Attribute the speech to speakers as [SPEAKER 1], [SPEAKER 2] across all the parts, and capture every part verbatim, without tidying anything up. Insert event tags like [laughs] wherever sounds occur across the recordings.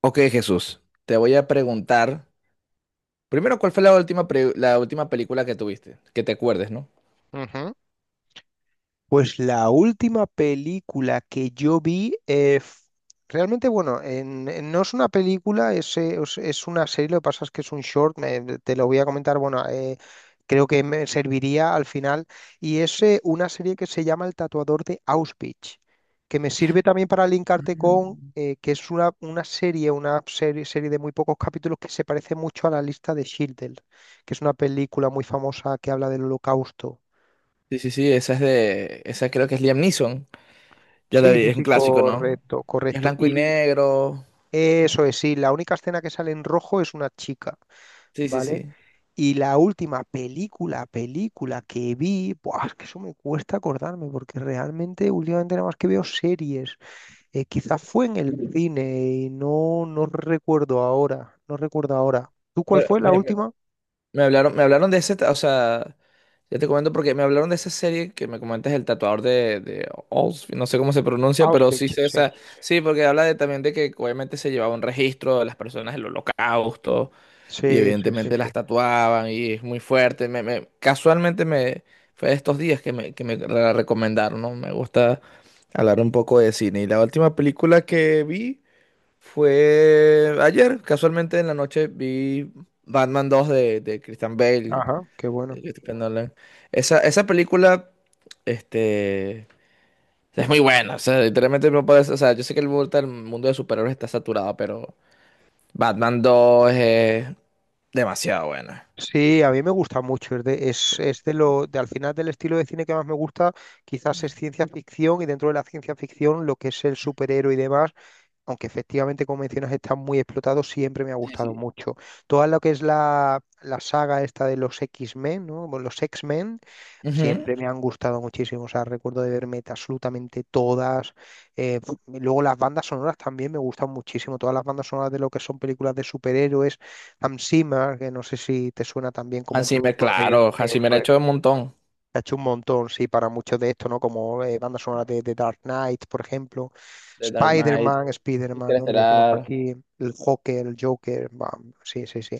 [SPEAKER 1] Ok, Jesús, te voy a preguntar, primero, ¿cuál fue la última, pre- la última película que tuviste? Que te acuerdes, ¿no?
[SPEAKER 2] Ujú. Pues la última película que yo vi, eh, f- realmente, bueno, en- en- no es una película, es, eh, os- es una serie, lo que pasa es que es un short, me- te lo voy a comentar, bueno, eh, creo que me serviría al final, y es eh, una serie que se llama El Tatuador de Auschwitz, que me sirve también para linkarte con,
[SPEAKER 1] Mm.
[SPEAKER 2] eh, que es una, una serie, una serie, serie de muy pocos capítulos que se parece mucho a La Lista de Schindler, que es una película muy famosa que habla del holocausto.
[SPEAKER 1] Sí, sí, sí, esa es de, esa creo que es Liam Neeson, ya la
[SPEAKER 2] Sí,
[SPEAKER 1] vi,
[SPEAKER 2] sí,
[SPEAKER 1] es un
[SPEAKER 2] sí,
[SPEAKER 1] clásico, ¿no?
[SPEAKER 2] correcto,
[SPEAKER 1] Que es
[SPEAKER 2] correcto.
[SPEAKER 1] blanco y
[SPEAKER 2] Y l-
[SPEAKER 1] negro,
[SPEAKER 2] eso es, sí, la única escena que sale en rojo es una chica,
[SPEAKER 1] sí, sí,
[SPEAKER 2] ¿vale?
[SPEAKER 1] sí.
[SPEAKER 2] Y la última película, película que vi, buah, es que eso me cuesta acordarme, porque realmente últimamente nada más que veo series. Eh, quizás fue en el cine y no, no recuerdo ahora, no recuerdo ahora. ¿Tú cuál
[SPEAKER 1] Pero
[SPEAKER 2] fue la
[SPEAKER 1] Me, me-
[SPEAKER 2] última?
[SPEAKER 1] me hablaron, me hablaron de ese, ta- o sea, ya te comento porque me hablaron de esa serie que me comentas, el tatuador de, de Oz, no sé cómo se pronuncia, pero sí
[SPEAKER 2] Auschwitz,
[SPEAKER 1] sé
[SPEAKER 2] sí.
[SPEAKER 1] esa, sí, porque habla de, también de que obviamente se llevaba un registro de las personas del holocausto. Y
[SPEAKER 2] Sí, sí, sí,
[SPEAKER 1] evidentemente
[SPEAKER 2] sí.
[SPEAKER 1] las tatuaban y es muy fuerte. Me, me- casualmente me, fue de estos días que me, que me la recomendaron, ¿no? Me gusta hablar un poco de cine. Y la última película que vi fue ayer. Casualmente en la noche vi Batman dos de, de Christian Bale.
[SPEAKER 2] Ajá, qué bueno.
[SPEAKER 1] De Christopher Nolan. Esa, esa película, este, es muy buena. O sea, literalmente no puedes, o sea, yo sé que el mundo el mundo de superhéroes está saturado, pero Batman dos es demasiado buena.
[SPEAKER 2] Sí, a mí me gusta mucho. Es de, es, es de lo, de al final del estilo de cine que más me gusta, quizás es ciencia ficción y dentro de la ciencia ficción lo que es el superhéroe y demás, aunque efectivamente, como mencionas, está muy explotado, siempre me ha
[SPEAKER 1] Sí,
[SPEAKER 2] gustado
[SPEAKER 1] sí.
[SPEAKER 2] mucho. Toda lo que es la, la saga esta de los X-Men, ¿no? Bueno, los X-Men,
[SPEAKER 1] Ujú.
[SPEAKER 2] siempre me han gustado muchísimo. O sea, recuerdo de verme absolutamente todas. Eh, [sniffs] pf, y luego las bandas sonoras también me gustan muchísimo. Todas las bandas sonoras de lo que son películas de superhéroes. Hans Zimmer, que no sé si te suena también como un
[SPEAKER 1] Hans Zimmer,
[SPEAKER 2] productor de
[SPEAKER 1] claro, Hans Zimmer
[SPEAKER 2] eso,
[SPEAKER 1] ha hecho un montón.
[SPEAKER 2] se ha hecho un montón, sí, para muchos de estos, ¿no? Como eh, bandas sonoras de, de Dark Knight, por ejemplo.
[SPEAKER 1] The Dark Knight,
[SPEAKER 2] Spider-Man, Spider-Man, ¿no? Que le decimos
[SPEAKER 1] Interestelar,
[SPEAKER 2] aquí. El Joker, el Joker. Bam, sí, sí, sí.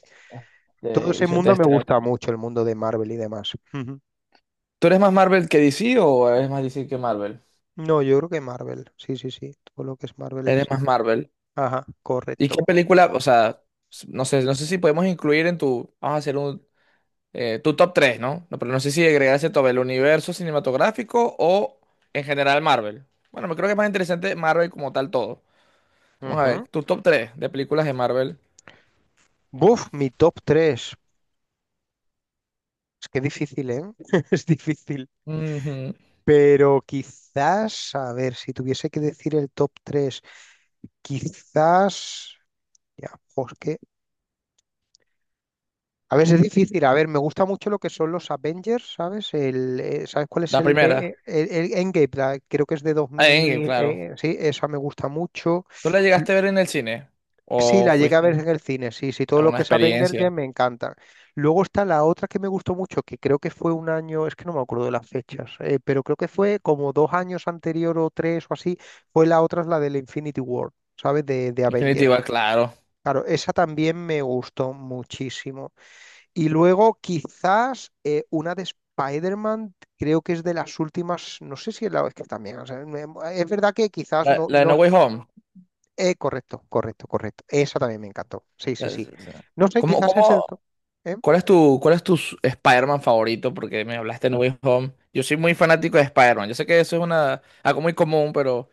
[SPEAKER 2] Todo
[SPEAKER 1] este,
[SPEAKER 2] ese
[SPEAKER 1] hizo
[SPEAKER 2] mundo me
[SPEAKER 1] Interestelar
[SPEAKER 2] gusta
[SPEAKER 1] también.
[SPEAKER 2] mucho, el mundo de Marvel y demás. Ujú.
[SPEAKER 1] ¿Tú eres más Marvel que D C o eres más D C que Marvel?
[SPEAKER 2] No, yo creo que Marvel. Sí, sí, sí. Todo lo que es Marvel,
[SPEAKER 1] Eres más
[SPEAKER 2] sí.
[SPEAKER 1] Marvel.
[SPEAKER 2] Ajá,
[SPEAKER 1] ¿Y qué
[SPEAKER 2] correcto.
[SPEAKER 1] película? O sea, s- no sé, no sé si podemos incluir en tu, vamos a hacer un, eh, tu top tres, ¿no? No, pero no sé si agregarse todo el universo cinematográfico o en general Marvel. Bueno, me creo que es más interesante Marvel como tal todo. Vamos a
[SPEAKER 2] Ujú.
[SPEAKER 1] ver, tu top tres de películas de Marvel.
[SPEAKER 2] Buf, mi top tres. Es que difícil, ¿eh? [laughs] Es difícil.
[SPEAKER 1] Ujú.
[SPEAKER 2] Pero quizás, a ver, si tuviese que decir el top tres quizás. Ya, jo, es que a veces es difícil. A ver, me gusta mucho lo que son los Avengers, ¿sabes? El, eh, ¿sabes cuál es
[SPEAKER 1] La
[SPEAKER 2] el
[SPEAKER 1] primera.
[SPEAKER 2] de el, el Endgame? La- creo que es de
[SPEAKER 1] Eh,
[SPEAKER 2] dos mil.
[SPEAKER 1] claro.
[SPEAKER 2] Eh, sí, esa me gusta mucho.
[SPEAKER 1] ¿Tú la
[SPEAKER 2] L-
[SPEAKER 1] llegaste a ver en el cine?
[SPEAKER 2] Sí,
[SPEAKER 1] ¿O
[SPEAKER 2] la llegué a ver
[SPEAKER 1] fuiste
[SPEAKER 2] en el cine. Sí, sí, todo
[SPEAKER 1] a
[SPEAKER 2] lo
[SPEAKER 1] una
[SPEAKER 2] que es Avengers
[SPEAKER 1] experiencia?
[SPEAKER 2] ya me encanta. Luego está la otra que me gustó mucho, que creo que fue un año, es que no me acuerdo de las fechas, eh, pero creo que fue como dos años anterior o tres o así. Fue la otra, es la del Infinity War, ¿sabes? De, de Avengers.
[SPEAKER 1] Definitiva, claro.
[SPEAKER 2] Claro, esa también me gustó muchísimo. Y luego quizás eh, una de Spider-Man, creo que es de las últimas, no sé si es la es que también, o sea, me- es verdad que quizás
[SPEAKER 1] La,
[SPEAKER 2] no,
[SPEAKER 1] la de
[SPEAKER 2] no,
[SPEAKER 1] No Way Home.
[SPEAKER 2] eh, correcto, correcto, correcto, esa también me encantó, sí, sí,
[SPEAKER 1] La-
[SPEAKER 2] sí,
[SPEAKER 1] la-
[SPEAKER 2] no sé,
[SPEAKER 1] ¿Cómo,
[SPEAKER 2] quizás es el,
[SPEAKER 1] cómo,
[SPEAKER 2] to- ¿eh?
[SPEAKER 1] cuál es tu, cuál es tu s- Spider-Man favorito? Porque me hablaste de No Way Home. Yo soy muy fanático de Spider-Man. Yo sé que eso es una, algo muy común, pero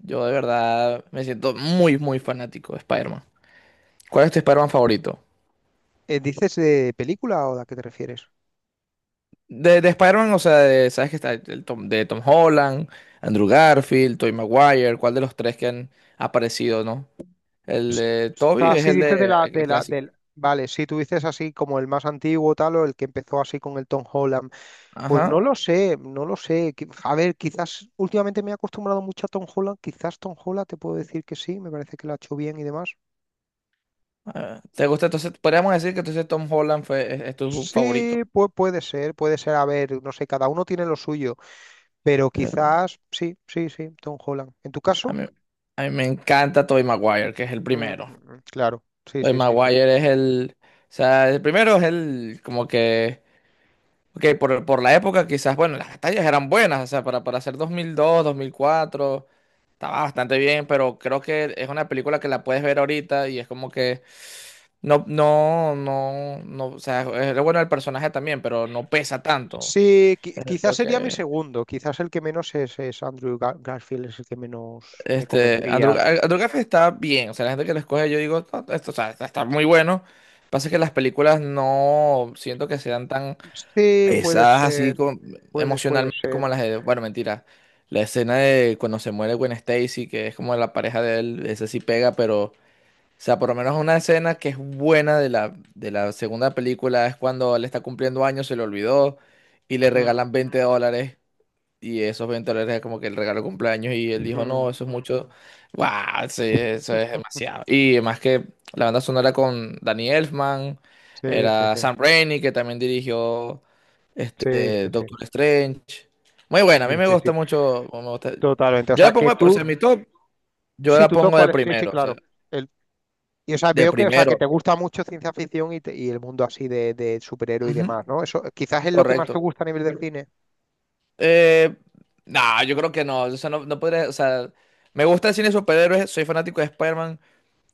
[SPEAKER 1] yo de verdad me siento muy, muy fanático de Spider-Man. ¿Cuál es tu Spider-Man favorito?
[SPEAKER 2] Eh, ¿Dices de película o de a qué te refieres?
[SPEAKER 1] De, de Spider-Man, o sea, de- ¿sabes que está el Tom, de Tom Holland, Andrew Garfield, Tobey Maguire? ¿Cuál de los tres que han aparecido, no?
[SPEAKER 2] O
[SPEAKER 1] El de Toby
[SPEAKER 2] sea,
[SPEAKER 1] es
[SPEAKER 2] si
[SPEAKER 1] el
[SPEAKER 2] dices de
[SPEAKER 1] de
[SPEAKER 2] la,
[SPEAKER 1] el
[SPEAKER 2] de la,
[SPEAKER 1] clásico.
[SPEAKER 2] del, vale, si tú dices así como el más antiguo tal o el que empezó así con el Tom Holland. Pues no
[SPEAKER 1] Ajá.
[SPEAKER 2] lo sé, no lo sé. Qui- A ver, quizás últimamente me he acostumbrado mucho a Tom Holland. Quizás Tom Holland te puedo decir que sí, me parece que lo ha hecho bien y demás.
[SPEAKER 1] Ah, ¿te gusta? Entonces, podríamos decir que entonces Tom Holland fue, es, es tu
[SPEAKER 2] Sí,
[SPEAKER 1] favorito.
[SPEAKER 2] pues puede ser, puede ser. A ver, no sé, cada uno tiene lo suyo, pero
[SPEAKER 1] Eh,
[SPEAKER 2] quizás sí, sí, sí, Tom Holland. ¿En tu
[SPEAKER 1] A
[SPEAKER 2] caso?
[SPEAKER 1] mí, a mí me encanta Tobey Maguire, que es el
[SPEAKER 2] Mm, mm,
[SPEAKER 1] primero.
[SPEAKER 2] mm, claro, sí,
[SPEAKER 1] Tobey
[SPEAKER 2] sí, sí, sí.
[SPEAKER 1] Maguire es el. O sea, el primero es el. Como que. Ok, por, por la época quizás, bueno, las batallas eran buenas, o sea, para, para hacer dos mil dos, dos mil cuatro, estaba bastante bien, pero creo que es una película que la puedes ver ahorita y es como que no, no, no, no, o sea, es lo bueno del personaje también, pero no pesa tanto.
[SPEAKER 2] Sí, qui- quizás
[SPEAKER 1] Yo
[SPEAKER 2] sería mi
[SPEAKER 1] que,
[SPEAKER 2] segundo, quizás el que menos es, es Andrew Gar- Garfield, es el que menos me
[SPEAKER 1] este, Andrew,
[SPEAKER 2] convencía.
[SPEAKER 1] Gar- Andrew Garfield está bien, o sea, la gente que lo escoge, yo digo, "No, esto, o sea, está, está muy bueno. Pasa que las películas no siento que sean tan
[SPEAKER 2] Sí, puede
[SPEAKER 1] pesadas así
[SPEAKER 2] ser,
[SPEAKER 1] como,
[SPEAKER 2] puede, puede
[SPEAKER 1] emocionalmente como
[SPEAKER 2] ser.
[SPEAKER 1] las de, bueno, mentira. La escena de cuando se muere Gwen Stacy, que es como la pareja de él, ese sí pega, pero o sea, por lo menos una escena que es buena de la, de la segunda película es cuando él está cumpliendo años, se le olvidó y le
[SPEAKER 2] Mm,
[SPEAKER 1] regalan veinte dólares y esos veinte dólares es como que el regalo de cumpleaños y él dijo,
[SPEAKER 2] mm.
[SPEAKER 1] no, eso es mucho, wow, sí, eso es demasiado. Y además que la banda sonora con Danny Elfman,
[SPEAKER 2] Sí, sí,
[SPEAKER 1] era
[SPEAKER 2] sí,
[SPEAKER 1] Sam Raimi que también dirigió
[SPEAKER 2] sí,
[SPEAKER 1] este,
[SPEAKER 2] sí, sí,
[SPEAKER 1] Doctor Strange. Muy buena, a mí
[SPEAKER 2] sí,
[SPEAKER 1] me
[SPEAKER 2] sí,
[SPEAKER 1] gusta
[SPEAKER 2] sí,
[SPEAKER 1] mucho, me gusta-
[SPEAKER 2] totalmente. O
[SPEAKER 1] yo la
[SPEAKER 2] sea, que
[SPEAKER 1] pongo, de- o sea,
[SPEAKER 2] tú,
[SPEAKER 1] mi top, yo
[SPEAKER 2] sí,
[SPEAKER 1] la
[SPEAKER 2] tú todo
[SPEAKER 1] pongo de
[SPEAKER 2] cuál es, sí, sí,
[SPEAKER 1] primero, o sea,
[SPEAKER 2] claro. El, y o sea,
[SPEAKER 1] de
[SPEAKER 2] veo que, o sea, que
[SPEAKER 1] primero.
[SPEAKER 2] te gusta mucho ciencia ficción y, te- y el mundo así de, de superhéroe y demás, ¿no? Eso quizás es lo que más
[SPEAKER 1] Correcto.
[SPEAKER 2] te gusta a nivel del cine.
[SPEAKER 1] Eh, no, yo creo que no. O sea, no, no podría, o sea, me gusta el cine de superhéroes, soy fanático de Spider-Man,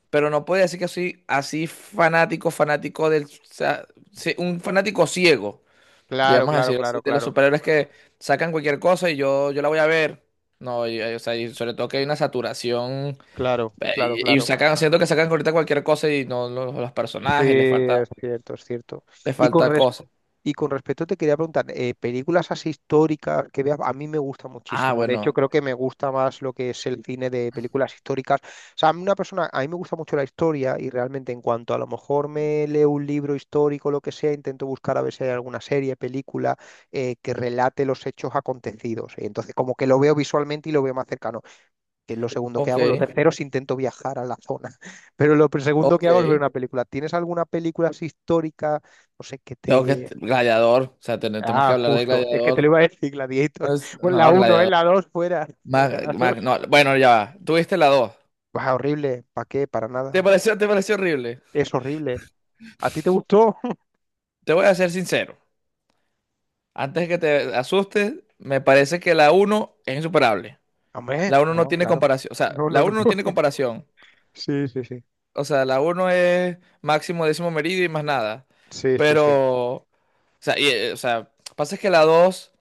[SPEAKER 1] pero no podría decir que soy así fanático, fanático del, o sea, sí, un fanático ciego,
[SPEAKER 2] Claro,
[SPEAKER 1] digamos
[SPEAKER 2] claro,
[SPEAKER 1] decir así,
[SPEAKER 2] claro,
[SPEAKER 1] de los
[SPEAKER 2] claro,
[SPEAKER 1] superhéroes que sacan cualquier cosa y yo, yo la voy a ver. No, y, y, o sea, y sobre todo que hay una saturación
[SPEAKER 2] claro,
[SPEAKER 1] eh,
[SPEAKER 2] claro,
[SPEAKER 1] y, y
[SPEAKER 2] claro.
[SPEAKER 1] sacan, siento que sacan ahorita cualquier cosa y no los, los
[SPEAKER 2] Sí,
[SPEAKER 1] personajes, les falta,
[SPEAKER 2] es cierto, es cierto.
[SPEAKER 1] les
[SPEAKER 2] Y con
[SPEAKER 1] falta cosas.
[SPEAKER 2] Y con respecto te quería preguntar, eh, películas así históricas que veas, a mí me gusta
[SPEAKER 1] Ah,
[SPEAKER 2] muchísimo. De hecho,
[SPEAKER 1] bueno,
[SPEAKER 2] creo que me gusta más lo que es el cine de películas históricas. O sea, a mí una persona, a mí me gusta mucho la historia y realmente en cuanto a lo mejor me leo un libro histórico, lo que sea, intento buscar a ver si hay alguna serie, película eh, que relate los hechos acontecidos. Y entonces, como que lo veo visualmente y lo veo más cercano, que es lo segundo que
[SPEAKER 1] ok,
[SPEAKER 2] hago. Lo tercero es intento viajar a la zona. [laughs] Pero lo segundo que
[SPEAKER 1] ok.
[SPEAKER 2] hago es ver una película. ¿Tienes alguna película así histórica? No sé, que
[SPEAKER 1] Tengo que...
[SPEAKER 2] te.
[SPEAKER 1] Gladiador. O sea, ten- tenemos que
[SPEAKER 2] Ah,
[SPEAKER 1] hablar de
[SPEAKER 2] justo. Es que te
[SPEAKER 1] Gladiador.
[SPEAKER 2] lo iba a decir, Gladiator.
[SPEAKER 1] Es-
[SPEAKER 2] [laughs] Bueno, la
[SPEAKER 1] no,
[SPEAKER 2] uno, ¿eh?
[SPEAKER 1] Gladiador.
[SPEAKER 2] La dos, fuera. Fuera,
[SPEAKER 1] Mag-
[SPEAKER 2] la
[SPEAKER 1] Mag-
[SPEAKER 2] dos.
[SPEAKER 1] no, bueno, ya va. Tuviste la dos.
[SPEAKER 2] Bah, horrible. ¿Para qué? Para
[SPEAKER 1] ¿Te
[SPEAKER 2] nada.
[SPEAKER 1] pareció, te pareció horrible?
[SPEAKER 2] Es horrible. ¿A ti te gustó? [laughs]
[SPEAKER 1] Te voy a ser sincero. Antes que te asustes, me parece que la uno es insuperable.
[SPEAKER 2] Hombre,
[SPEAKER 1] La uno no
[SPEAKER 2] no,
[SPEAKER 1] tiene
[SPEAKER 2] claro.
[SPEAKER 1] comparación. O sea,
[SPEAKER 2] No,
[SPEAKER 1] la
[SPEAKER 2] no, no.
[SPEAKER 1] uno no tiene
[SPEAKER 2] [laughs]
[SPEAKER 1] comparación.
[SPEAKER 2] Sí, sí, sí.
[SPEAKER 1] O sea, la uno es máximo décimo meridio y más nada.
[SPEAKER 2] Sí, sí, sí.
[SPEAKER 1] Pero, o sea, y, eh, o sea, pasa es que la dos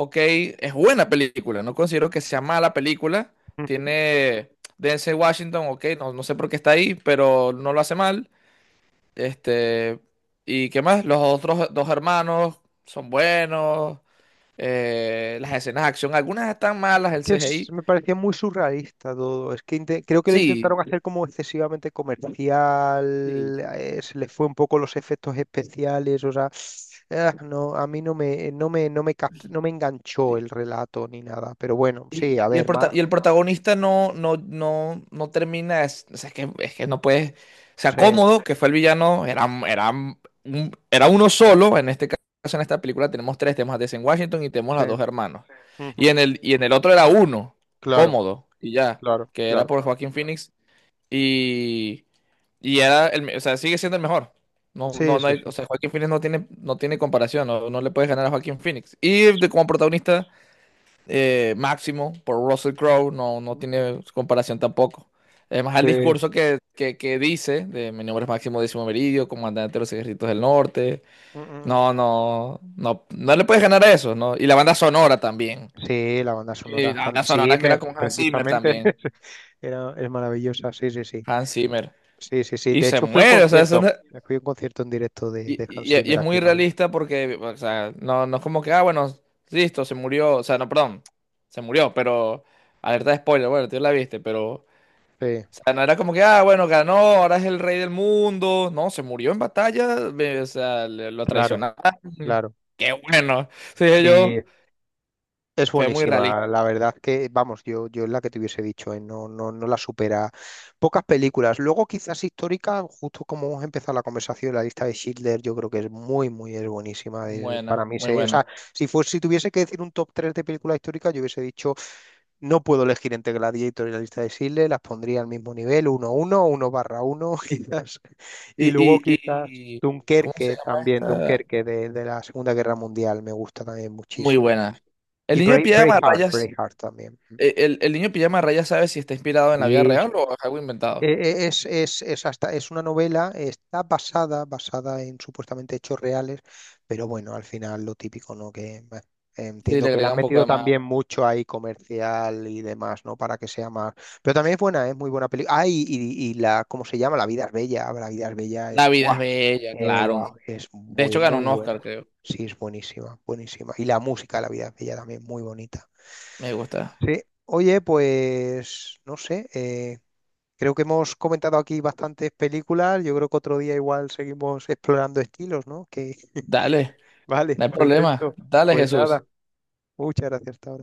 [SPEAKER 1] ok, es buena película, no considero que sea mala película.
[SPEAKER 2] Mm.
[SPEAKER 1] Tiene Denzel Washington, ok, no, no sé por qué está ahí, pero no lo hace mal. Este, ¿y qué más? Los otros dos hermanos son buenos. Eh, las escenas de acción, algunas están malas,
[SPEAKER 2] Es
[SPEAKER 1] el
[SPEAKER 2] que es-
[SPEAKER 1] C G I.
[SPEAKER 2] me parecía muy surrealista todo. Es que inte- creo que lo
[SPEAKER 1] Sí,
[SPEAKER 2] intentaron hacer como excesivamente
[SPEAKER 1] sí,
[SPEAKER 2] comercial,
[SPEAKER 1] sí.
[SPEAKER 2] eh, se les fue un poco los efectos especiales, o sea, ah, no, a mí no me, no me, no me, cap- no me enganchó
[SPEAKER 1] Sí.
[SPEAKER 2] el relato ni nada. Pero bueno, sí,
[SPEAKER 1] Y,
[SPEAKER 2] a
[SPEAKER 1] y el
[SPEAKER 2] ver,
[SPEAKER 1] prota-
[SPEAKER 2] ma-.
[SPEAKER 1] y el protagonista no, no, no, no termina, es, o sea, es que, es que no puede o sea,
[SPEAKER 2] Sí,
[SPEAKER 1] Cómodo, que fue el villano, era, era, un- era uno solo, en este caso, en esta película tenemos tres, tenemos a Denzel Washington y tenemos a
[SPEAKER 2] sí.
[SPEAKER 1] los dos hermanos. Y
[SPEAKER 2] Ujú,
[SPEAKER 1] en el, y en el otro era uno,
[SPEAKER 2] claro,
[SPEAKER 1] Cómodo, y ya,
[SPEAKER 2] claro,
[SPEAKER 1] que era
[SPEAKER 2] claro.
[SPEAKER 1] por Joaquín Phoenix, y, y era el, me- o sea, sigue siendo el mejor. No,
[SPEAKER 2] Sí,
[SPEAKER 1] no, no
[SPEAKER 2] sí,
[SPEAKER 1] hay- o
[SPEAKER 2] sí.
[SPEAKER 1] sea, Joaquín Phoenix no tiene, no tiene comparación, no, no le puedes ganar a Joaquín Phoenix. Y de- como protagonista eh, máximo por Russell Crowe, no, no
[SPEAKER 2] Mm, mm,
[SPEAKER 1] tiene comparación tampoco. Además, el
[SPEAKER 2] sí.
[SPEAKER 1] discurso que, que, que dice de mi nombre es Máximo Décimo Meridio, comandante de los ejércitos del norte.
[SPEAKER 2] Mm, mm,
[SPEAKER 1] No,
[SPEAKER 2] mm.
[SPEAKER 1] no, no, no le puedes ganar a eso, ¿no? Y la banda sonora también.
[SPEAKER 2] Sí, la banda
[SPEAKER 1] Y
[SPEAKER 2] sonora
[SPEAKER 1] la banda
[SPEAKER 2] Hans
[SPEAKER 1] sonora que era
[SPEAKER 2] Zimmer,
[SPEAKER 1] con Hans Zimmer
[SPEAKER 2] precisamente,
[SPEAKER 1] también.
[SPEAKER 2] [laughs] era, es maravillosa, sí, sí, sí,
[SPEAKER 1] Hans Zimmer.
[SPEAKER 2] sí, sí, sí,
[SPEAKER 1] Y
[SPEAKER 2] de
[SPEAKER 1] se
[SPEAKER 2] hecho fui a un
[SPEAKER 1] muere, o sea, eso no-
[SPEAKER 2] concierto, fui a un concierto en directo de,
[SPEAKER 1] y,
[SPEAKER 2] de Hans
[SPEAKER 1] y- y
[SPEAKER 2] Zimmer
[SPEAKER 1] es
[SPEAKER 2] aquí
[SPEAKER 1] muy
[SPEAKER 2] en Madrid,
[SPEAKER 1] realista porque, o sea, no, no es como que, ah, bueno, listo, se murió, o sea, no, perdón, se murió, pero, alerta de spoiler, bueno, tú la viste, pero
[SPEAKER 2] sí,
[SPEAKER 1] o sea, no era como que, ah, bueno, ganó, ahora es el rey del mundo. No, se murió en batalla, me- o sea, le- lo
[SPEAKER 2] claro,
[SPEAKER 1] traicionaron.
[SPEAKER 2] claro,
[SPEAKER 1] Qué bueno. Sí,
[SPEAKER 2] sí.
[SPEAKER 1] yo,
[SPEAKER 2] Es
[SPEAKER 1] fue muy
[SPEAKER 2] buenísima,
[SPEAKER 1] realista.
[SPEAKER 2] la verdad que, vamos, yo, yo es la que te hubiese dicho, ¿eh? No, no, no la supera. Pocas películas. Luego quizás históricas, justo como hemos empezado la conversación, La Lista de Schindler, yo creo que es muy, muy, es buenísima. Es- para
[SPEAKER 1] Buena,
[SPEAKER 2] mí,
[SPEAKER 1] muy
[SPEAKER 2] se, o
[SPEAKER 1] buena.
[SPEAKER 2] sea, si fuese, si tuviese que decir un top tres de películas históricas, yo hubiese dicho, no puedo elegir entre Gladiator y La Lista de Schindler, las pondría al mismo nivel, uno uno uno barra uno, [laughs] quizás.
[SPEAKER 1] Y,
[SPEAKER 2] Y luego
[SPEAKER 1] y,
[SPEAKER 2] quizás
[SPEAKER 1] y, y- ¿cómo se
[SPEAKER 2] Dunkerque
[SPEAKER 1] llama
[SPEAKER 2] también,
[SPEAKER 1] esta?
[SPEAKER 2] Dunkerque de, de la Segunda Guerra Mundial, me gusta también
[SPEAKER 1] Muy
[SPEAKER 2] muchísimo.
[SPEAKER 1] buena. El
[SPEAKER 2] Y
[SPEAKER 1] niño de
[SPEAKER 2] Brave,
[SPEAKER 1] pijama de
[SPEAKER 2] Braveheart,
[SPEAKER 1] rayas,
[SPEAKER 2] Braveheart también. Ujú.
[SPEAKER 1] eh, el, el niño de pijama de rayas sabe si está inspirado en la vida
[SPEAKER 2] Y es,
[SPEAKER 1] real o es algo inventado.
[SPEAKER 2] e- e- es, es, es hasta, es una novela, está basada, basada en supuestamente hechos reales, pero bueno, al final lo típico, ¿no? Que eh,
[SPEAKER 1] Sí,
[SPEAKER 2] entiendo
[SPEAKER 1] le
[SPEAKER 2] que le han
[SPEAKER 1] agrega un poco
[SPEAKER 2] metido
[SPEAKER 1] de más.
[SPEAKER 2] también mucho ahí comercial y demás, ¿no? Para que sea más. Pero también es buena, es muy buena película. Ah, y, y- y la, ¿cómo se llama? La vida es bella. Ah, La vida es bella es
[SPEAKER 1] La vida
[SPEAKER 2] guau.
[SPEAKER 1] es bella,
[SPEAKER 2] Eh,
[SPEAKER 1] claro.
[SPEAKER 2] guau, es
[SPEAKER 1] De
[SPEAKER 2] muy,
[SPEAKER 1] hecho, ganó
[SPEAKER 2] muy
[SPEAKER 1] un Oscar,
[SPEAKER 2] buena.
[SPEAKER 1] creo.
[SPEAKER 2] Sí, es buenísima, buenísima. Y la música, de La vida es bella también, muy bonita.
[SPEAKER 1] Me gusta.
[SPEAKER 2] Sí, oye, pues no sé, eh, creo que hemos comentado aquí bastantes películas, yo creo que otro día igual seguimos explorando estilos, ¿no? Que
[SPEAKER 1] Dale,
[SPEAKER 2] [laughs] vale,
[SPEAKER 1] no hay problema.
[SPEAKER 2] perfecto.
[SPEAKER 1] Dale,
[SPEAKER 2] Pues
[SPEAKER 1] Jesús.
[SPEAKER 2] nada, muchas gracias hasta ahora.